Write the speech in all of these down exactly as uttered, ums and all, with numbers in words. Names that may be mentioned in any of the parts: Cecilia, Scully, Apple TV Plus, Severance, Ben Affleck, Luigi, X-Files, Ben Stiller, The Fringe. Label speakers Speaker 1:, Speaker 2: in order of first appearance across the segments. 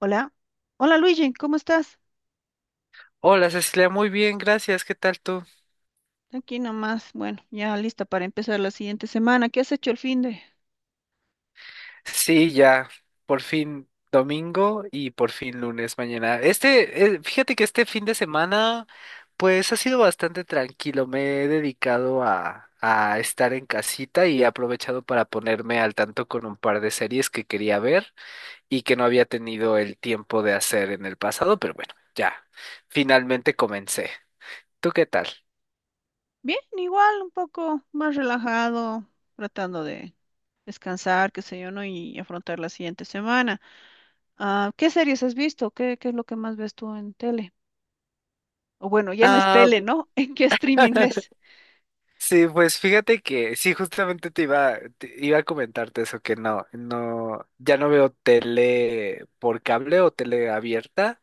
Speaker 1: Hola. Hola Luigi, ¿cómo estás?
Speaker 2: Hola Cecilia, muy bien, gracias. ¿Qué tal tú?
Speaker 1: Aquí nomás, bueno, ya lista para empezar la siguiente semana. ¿Qué has hecho el fin de?
Speaker 2: Sí, ya, por fin domingo y por fin lunes mañana. Este, eh, fíjate que este fin de semana, pues ha sido bastante tranquilo. Me he dedicado a, a estar en casita y he aprovechado para ponerme al tanto con un par de series que quería ver y que no había tenido el tiempo de hacer en el pasado, pero bueno, ya, finalmente comencé. ¿Tú qué tal?
Speaker 1: Bien, igual, un poco más relajado, tratando de descansar, qué sé yo, ¿no? Y afrontar la siguiente semana. Ah, ¿qué series has visto? ¿Qué, qué es lo que más ves tú en tele? O bueno, ya no es
Speaker 2: Ah.
Speaker 1: tele, ¿no? ¿En qué streaming ves?
Speaker 2: Sí, pues fíjate que sí, justamente te iba, te iba a comentarte eso, que no, no, ya no veo tele por cable o tele abierta.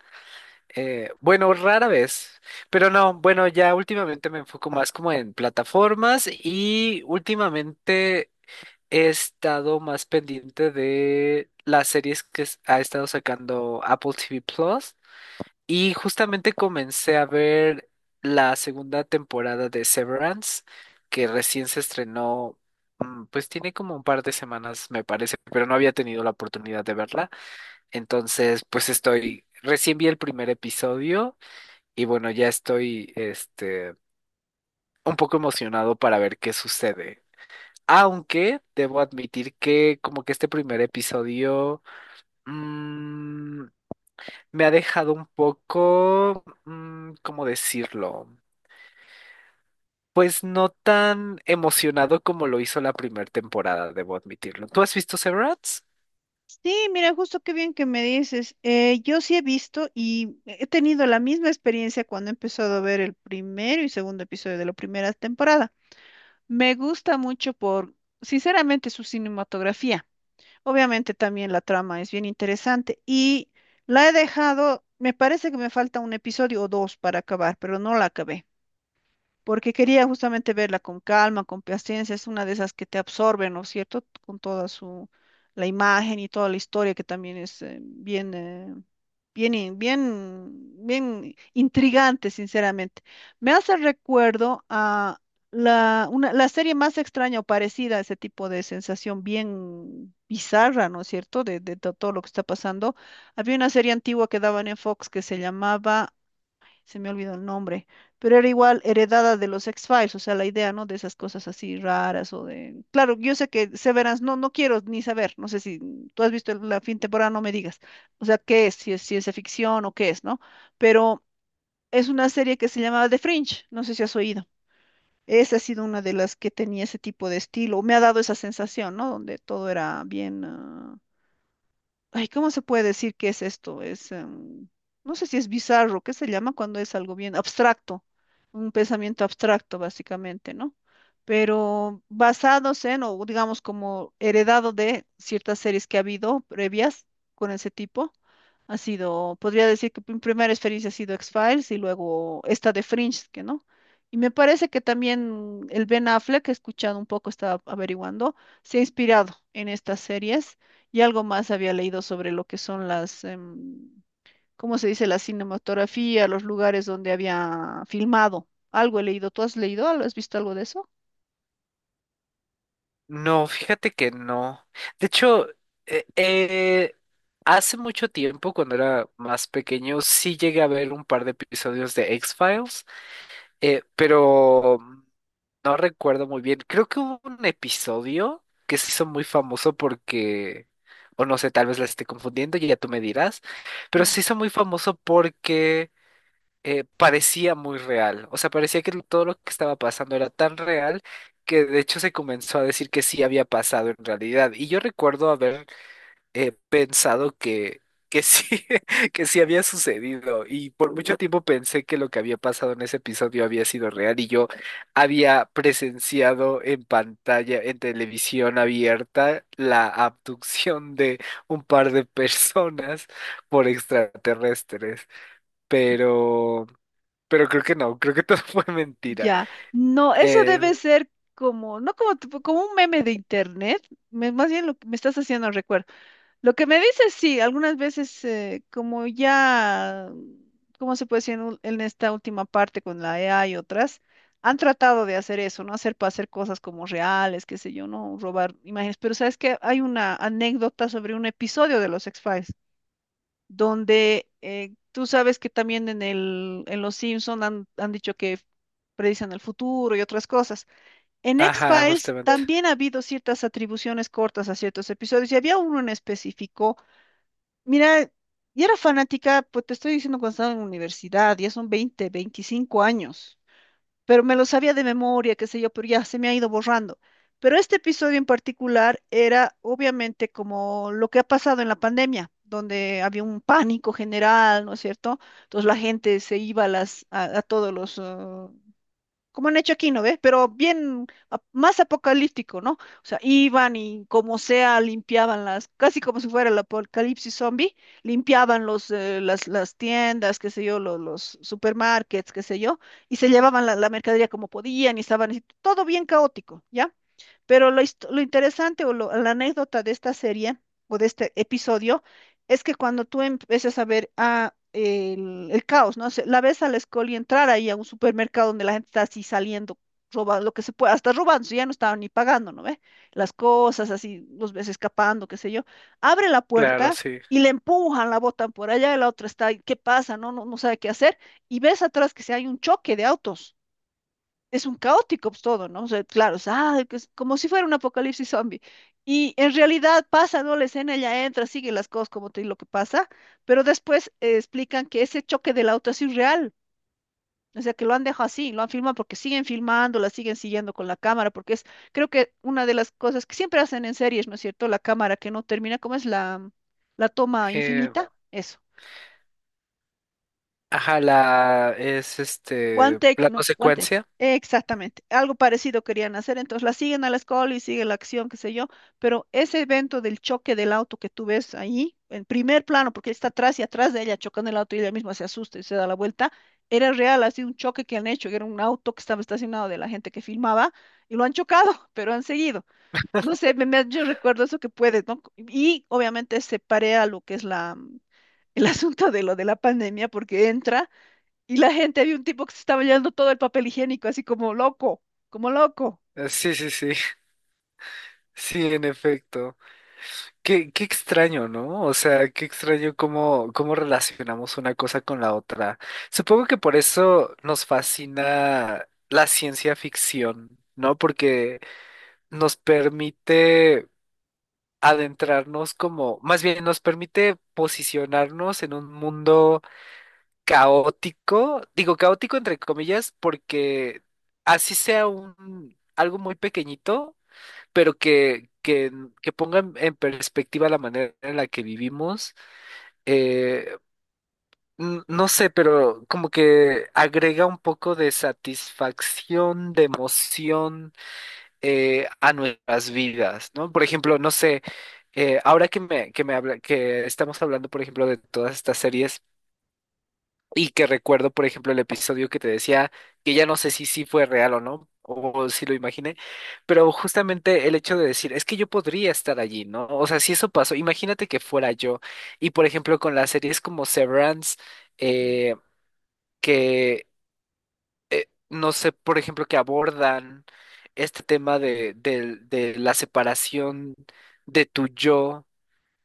Speaker 2: eh, bueno, Rara vez, pero no, bueno, ya últimamente me enfoco más como en plataformas y últimamente he estado más pendiente de las series que s- ha estado sacando Apple T V Plus. Y justamente comencé a ver la segunda temporada de Severance, que recién se estrenó, mm, pues tiene como un par de semanas, me parece, pero no había tenido la oportunidad de verla. Entonces, pues estoy, recién vi el primer episodio y bueno, ya estoy, este, un poco emocionado para ver qué sucede. Aunque debo admitir que como que este primer episodio... mm, me ha dejado un poco, mm, ¿cómo decirlo? Pues no tan emocionado como lo hizo la primera temporada, debo admitirlo. ¿Tú has visto Severance?
Speaker 1: Sí, mira, justo qué bien que me dices. Eh, yo sí he visto y he tenido la misma experiencia cuando he empezado a ver el primero y segundo episodio de la primera temporada. Me gusta mucho por, sinceramente, su cinematografía. Obviamente también la trama es bien interesante y la he dejado, me parece que me falta un episodio o dos para acabar, pero no la acabé porque quería justamente verla con calma, con paciencia, es una de esas que te absorben, ¿no es cierto? Con toda su, la imagen y toda la historia que también es eh, bien, eh, bien, in- bien, bien intrigante, sinceramente. Me hace recuerdo a la, una, la serie más extraña o parecida a ese tipo de sensación bien bizarra, ¿no es cierto? De, de to- todo lo que está pasando. Había una serie antigua que daban en Fox que se llamaba, se me olvidó el nombre, pero era igual heredada de los X-Files, o sea, la idea, ¿no? De esas cosas así raras o de... Claro, yo sé que Severance, no, no quiero ni saber, no sé si tú has visto la fin temporada, no me digas, o sea, qué es, si es ciencia ficción o qué es, ¿no? Pero es una serie que se llamaba The Fringe, no sé si has oído. Esa ha sido una de las que tenía ese tipo de estilo, me ha dado esa sensación, ¿no? Donde todo era bien... ah, ay, ¿cómo se puede decir qué es esto? Es, em, no sé si es bizarro, ¿qué se llama cuando es algo bien abstracto? Un pensamiento abstracto, básicamente, ¿no? Pero basados en, o digamos como heredado de ciertas series que ha habido previas con ese tipo. Ha sido, podría decir que mi primera experiencia ha sido X-Files y luego esta de Fringe, que no. Y me parece que también el Ben Affleck, he escuchado un poco, estaba averiguando, se ha inspirado en estas series y algo más había leído sobre lo que son las, em, ¿cómo se dice? La cinematografía, los lugares donde había filmado. Algo he leído. ¿Tú has leído algo? ¿Has visto algo de eso?
Speaker 2: No, fíjate que no. De hecho, eh, eh, hace mucho tiempo, cuando era más pequeño, sí llegué a ver un par de episodios de X-Files. Eh, pero no recuerdo muy bien. Creo que hubo un episodio que se hizo muy famoso porque, o no sé, tal vez la esté confundiendo y ya tú me dirás, pero
Speaker 1: Ya.
Speaker 2: se hizo muy famoso porque eh, parecía muy real. O sea, parecía que todo lo que estaba pasando era tan real que de hecho se comenzó a decir que sí había pasado en realidad. Y yo recuerdo haber he pensado que, que sí, que sí había sucedido. Y por mucho tiempo pensé que lo que había pasado en ese episodio había sido real y yo había presenciado en pantalla, en televisión abierta, la abducción de un par de personas por extraterrestres. Pero, pero creo que no, creo que todo fue mentira.
Speaker 1: Ya, no, eso
Speaker 2: Eh,
Speaker 1: debe ser como, no como, tipo- como un meme de internet, me- más bien lo que me estás haciendo recuerdo. Lo que me dices, sí, algunas veces eh, como ya, ¿cómo se puede decir en, ul- en esta última parte con la E A y otras? Han tratado de hacer eso, ¿no? Hacer para hacer cosas como reales, qué sé yo, ¿no? Robar imágenes. Pero sabes que hay una anécdota sobre un episodio de los X-Files, donde eh, tú sabes que también en el, en los Simpson han, han dicho que predicen el futuro y otras cosas. En
Speaker 2: ajá,
Speaker 1: X-Files
Speaker 2: justamente.
Speaker 1: también ha habido ciertas atribuciones cortas a ciertos episodios y había uno en específico. Mira, yo era fanática, pues te estoy diciendo cuando estaba en la universidad, ya son veinte, veinticinco años, pero me lo sabía de memoria, qué sé yo, pero ya se me ha ido borrando. Pero este episodio en particular era obviamente como lo que ha pasado en la pandemia, donde había un pánico general, ¿no es cierto? Entonces la gente se iba a, las, a, a todos los, ah, como han hecho aquí, ¿no ves? Pero bien ap- más apocalíptico, ¿no? O sea, iban y como sea limpiaban las, casi como si fuera el apocalipsis zombie, limpiaban los, eh, las, las tiendas, qué sé yo, los, los supermarkets, qué sé yo, y se llevaban la, la mercadería como podían y estaban así, todo bien caótico, ¿ya? Pero lo, hist- lo interesante o lo- la anécdota de esta serie o de este episodio es que cuando tú empiezas a ver a el, el caos, ¿no? Se- La ves a la Scully entrar ahí a un supermercado donde la gente está así saliendo, robando lo que se pueda, hasta robando, si ya no estaban ni pagando, ¿no ve? Las cosas así, los ves escapando, qué sé yo. Abre la
Speaker 2: Claro,
Speaker 1: puerta
Speaker 2: sí.
Speaker 1: y le empujan, la botan por allá, y la otra está ahí, ¿qué pasa? No, no, no sabe qué hacer. Y ves atrás que se hay un choque de autos, es un caótico pues, todo, ¿no? O sea, claro, es, ah, que es como si fuera un apocalipsis zombie. Y en realidad pasa, ¿no? La escena, ella entra, sigue las cosas como te digo lo que pasa, pero después eh, explican que ese choque del auto es irreal. O sea, que lo han dejado así, lo han filmado porque siguen filmando, la siguen siguiendo con la cámara, porque es, creo que una de las cosas que siempre hacen en series, ¿no es cierto? La cámara que no termina, ¿cómo es la, la toma
Speaker 2: Eh,
Speaker 1: infinita? Eso.
Speaker 2: ajá, la es
Speaker 1: One
Speaker 2: este
Speaker 1: Take,
Speaker 2: la
Speaker 1: no, One Take.
Speaker 2: consecuencia.
Speaker 1: Exactamente. Algo parecido querían hacer. Entonces la siguen a la escuela y sigue la acción, qué sé yo. Pero ese evento del choque del auto que tú ves ahí, en primer plano, porque él está atrás y atrás de ella chocando el auto y ella misma se asusta y se da la vuelta, era real, ha sido un choque que han hecho. Era un auto que estaba estacionado de la gente que filmaba y lo han chocado, pero han seguido. No sé, me- me- yo recuerdo eso que puedes, ¿no? Y obviamente se parea lo que es la, el asunto de lo de la pandemia porque entra. Y la gente, había un tipo que se estaba llevando todo el papel higiénico, así como loco, como loco.
Speaker 2: Eh, Sí, sí, sí, sí, en efecto. Qué, qué extraño, ¿no? O sea, qué extraño cómo, cómo relacionamos una cosa con la otra. Supongo que por eso nos fascina la ciencia ficción, ¿no? Porque nos permite adentrarnos como, más bien nos permite posicionarnos en un mundo caótico, digo caótico entre comillas, porque así sea un algo muy pequeñito pero que, que, que pongan en perspectiva la manera en la que vivimos, eh, n- no sé, pero como que agrega un poco de satisfacción, de emoción eh, a nuestras vidas, ¿no? Por ejemplo, no sé, eh, ahora que me, que me habla, que estamos hablando, por ejemplo, de todas estas series. Y que recuerdo, por ejemplo, el episodio que te decía, que ya no sé si sí fue real o no, o si lo imaginé, pero justamente el hecho de decir, es que yo podría estar allí, ¿no? O sea, si eso pasó, imagínate que fuera yo. Y por ejemplo, con las series como Severance,
Speaker 1: Ujú.
Speaker 2: eh, que no sé, por ejemplo, que abordan este tema de, del- de la separación de tu yo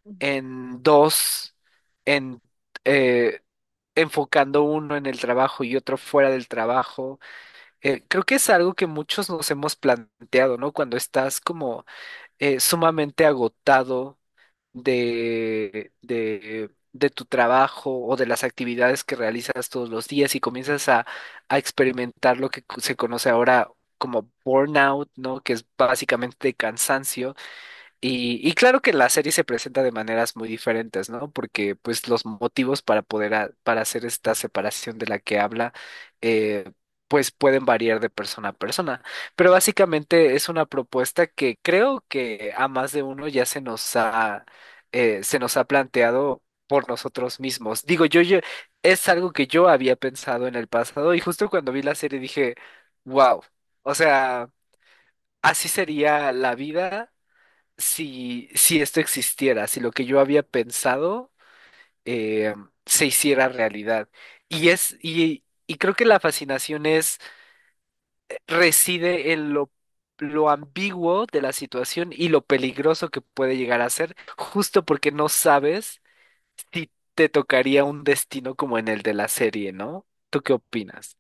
Speaker 1: Ujú.
Speaker 2: en dos, en... eh, enfocando uno en el trabajo y otro fuera del trabajo. Eh, creo que es algo que muchos nos hemos planteado, ¿no? Cuando estás como eh, sumamente agotado de, de, de tu trabajo o de las actividades que realizas todos los días y comienzas a, a experimentar lo que se conoce ahora como burnout, ¿no? Que es básicamente cansancio. Y, y claro que la serie se presenta de maneras muy diferentes, ¿no? Porque pues los motivos para poder ha- para hacer esta separación de la que habla, eh, pues pueden variar de persona a persona. Pero básicamente es una propuesta que creo que a más de uno ya se nos ha eh, se nos ha planteado por nosotros mismos. Digo, yo, yo es algo que yo había pensado en el pasado y justo cuando vi la serie dije, wow, o sea, así sería la vida si, si esto existiera, si lo que yo había pensado eh, se hiciera realidad. Y es, y, y creo que la fascinación es, reside en lo, lo ambiguo de la situación y lo peligroso que puede llegar a ser, justo porque no sabes si te tocaría un destino como en el de la serie, ¿no? ¿Tú qué opinas?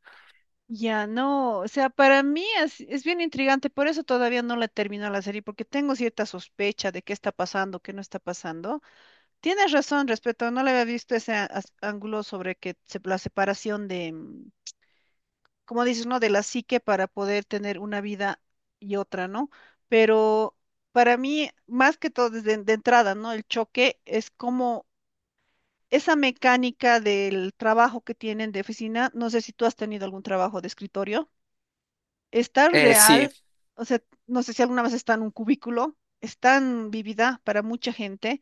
Speaker 1: Ya no, o sea, para mí es, es bien intrigante, por eso todavía no la termino la serie, porque tengo cierta sospecha de qué está pasando, qué no está pasando. Tienes razón respecto, no le había visto ese a- as- ángulo sobre que se- la separación de, mm, como dices, ¿no? De la psique para poder tener una vida y otra, ¿no? Pero para mí, más que todo, desde de entrada, ¿no? El choque es como esa mecánica del trabajo que tienen de oficina, no sé si tú has tenido algún trabajo de escritorio, es tan
Speaker 2: Eh, sí,
Speaker 1: real, o sea, no sé si alguna vez está en un cubículo, es tan vivida para mucha gente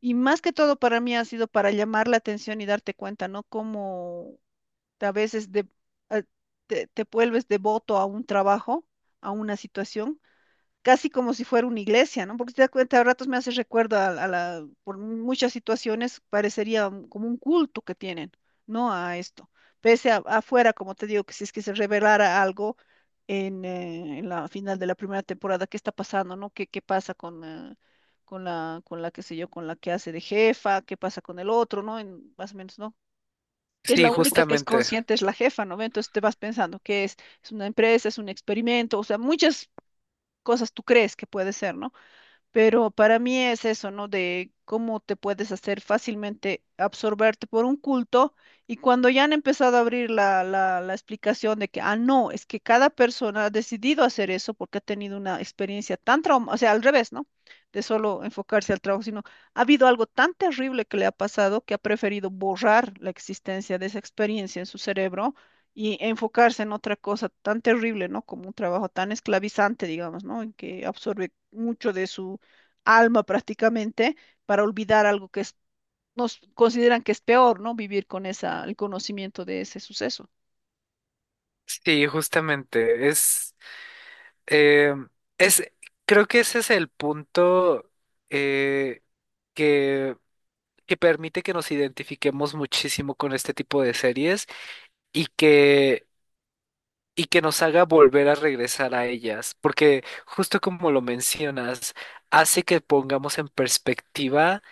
Speaker 1: y más que todo para mí ha sido para llamar la atención y darte cuenta, ¿no? Cómo a veces de- a- te, te vuelves devoto a un trabajo, a una situación casi como si fuera una iglesia, ¿no? Porque si te das cuenta, a ratos me hace recuerdo a, a la, por muchas situaciones parecería un- como un culto que tienen, ¿no? A esto. Pese a, afuera, como te digo, que si es que se revelara algo en, eh, en la final de la primera temporada, ¿qué está pasando, ¿no? ¿Qué, qué pasa con, eh, con la, con la, qué sé yo, con la que hace de jefa? ¿Qué pasa con el otro, ¿no? En, más o menos, ¿no? Que es la, Ah,
Speaker 2: sí,
Speaker 1: única pues, que es
Speaker 2: justamente.
Speaker 1: consciente, es la jefa, ¿no ve? Entonces te vas pensando que es, es una empresa, es un experimento, o sea, muchas cosas tú crees que puede ser, ¿no? Pero para mí es eso, ¿no? De cómo te puedes hacer fácilmente absorberte por un culto y cuando ya han empezado a abrir la, la, la explicación de que, ah, no, es que cada persona ha decidido hacer eso porque ha tenido una experiencia tan traumática, o sea, al revés, ¿no? De solo enfocarse al trabajo, sino ha habido algo tan terrible que le ha pasado que ha preferido borrar la existencia de esa experiencia en su cerebro y enfocarse en otra cosa tan terrible, ¿no? Como un trabajo tan esclavizante, digamos, ¿no? En que absorbe mucho de su alma prácticamente para olvidar algo que es- nos consideran que es peor, ¿no? Vivir con esa, el conocimiento de ese suceso.
Speaker 2: Sí, justamente. Es. Eh, es, Creo que ese es el punto eh, que, que permite que nos identifiquemos muchísimo con este tipo de series y que, y que nos haga volver a regresar a ellas, porque justo como lo mencionas, hace que pongamos en perspectiva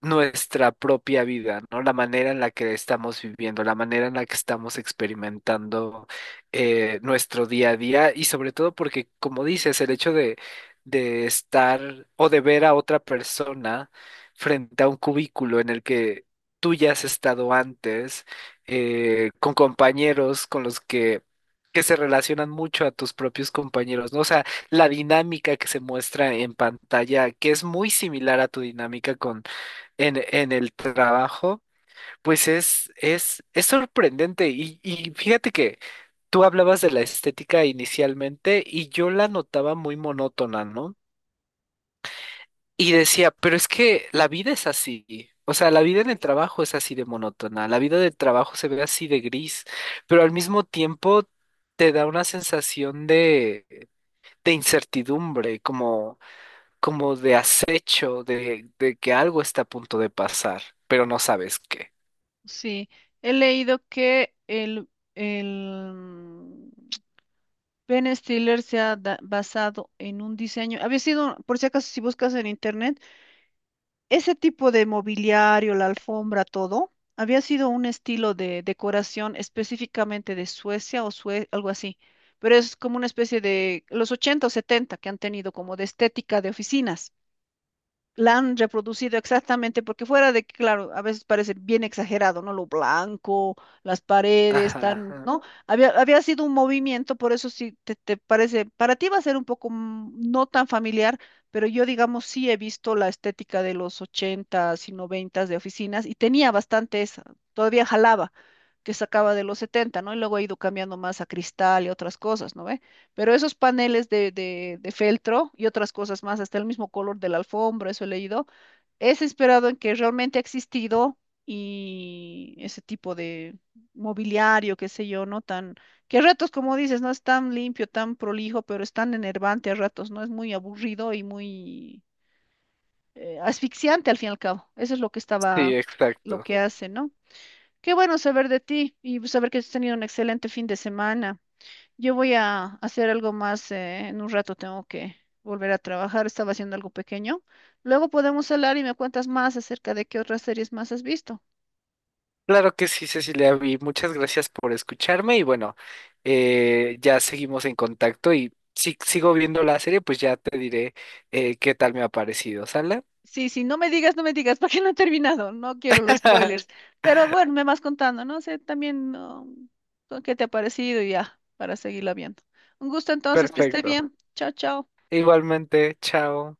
Speaker 2: nuestra propia vida, ¿no? La manera en la que estamos viviendo, la manera en la que estamos experimentando eh, nuestro día a día y sobre todo porque, como dices, el hecho de, de estar o de ver a otra persona frente a un cubículo en el que tú ya has estado antes, eh, con compañeros con los que... que se relacionan mucho a tus propios compañeros, ¿no? O sea, la dinámica que se muestra en pantalla, que es muy similar a tu dinámica con en, en el trabajo, pues es, es, es sorprendente. Y, y fíjate que tú hablabas de la estética inicialmente y yo la notaba muy monótona, ¿no? Y decía, pero es que la vida es así. O sea, la vida en el trabajo es así de monótona, la vida del trabajo se ve así de gris, pero al mismo tiempo te da una sensación de, de incertidumbre, como, como de acecho, de, de que algo está a punto de pasar, pero no sabes qué.
Speaker 1: Sí, he leído que el, el mm, Ben Stiller se ha da- basado en un diseño. Había sido, por si acaso, si buscas en internet, ese tipo de mobiliario, la alfombra, todo, había sido un estilo de decoración específicamente de Suecia o Sue- algo así. Pero es como una especie de los ochenta o setenta que han tenido como de estética de oficinas la han reproducido exactamente, porque fuera de que, claro, a veces parece bien exagerado, ¿no? Lo blanco, las paredes,
Speaker 2: Ajá,
Speaker 1: tan,
Speaker 2: ajá.
Speaker 1: ¿no? Había, había sido un movimiento, por eso sí te, te parece, para ti va a ser un poco mm, no tan familiar, pero yo, digamos, sí he visto la estética de los ochentas y noventas de oficinas y tenía bastante esa, todavía jalaba que sacaba de los setenta, ¿no? Y luego ha ido cambiando más a cristal y otras cosas, ¿no ve? Pero esos paneles de, de, de feltro y otras cosas más, hasta el mismo color de la alfombra, eso he leído, es inspirado en que realmente ha existido y ese tipo de mobiliario, qué sé yo, ¿no? Tan, que a ratos, como dices, no es tan limpio, tan prolijo, pero es tan enervante a ratos, ¿no? Es muy aburrido y muy eh, asfixiante al fin y al cabo. Eso es lo que
Speaker 2: Sí,
Speaker 1: estaba, lo
Speaker 2: exacto.
Speaker 1: que hace, ¿no? Qué bueno saber de ti y saber que has tenido un excelente fin de semana. Yo voy a hacer algo más, eh, en un rato tengo que volver a trabajar, estaba haciendo algo pequeño. Luego podemos hablar y me cuentas más acerca de qué otras series más has visto.
Speaker 2: Claro que sí, Cecilia, y muchas gracias por escucharme y bueno, eh, ya seguimos en contacto y si sigo viendo la serie, pues ya te diré eh, qué tal me ha parecido, ¿sale?
Speaker 1: Sí, sí, no me digas, no me digas, porque no he terminado, no quiero los spoilers. Pero bueno, me vas contando, no sé, también no, con qué te ha parecido y ya, para seguirla viendo. Un gusto entonces, que esté
Speaker 2: Perfecto.
Speaker 1: bien. Chao, chao.
Speaker 2: Igualmente, chao.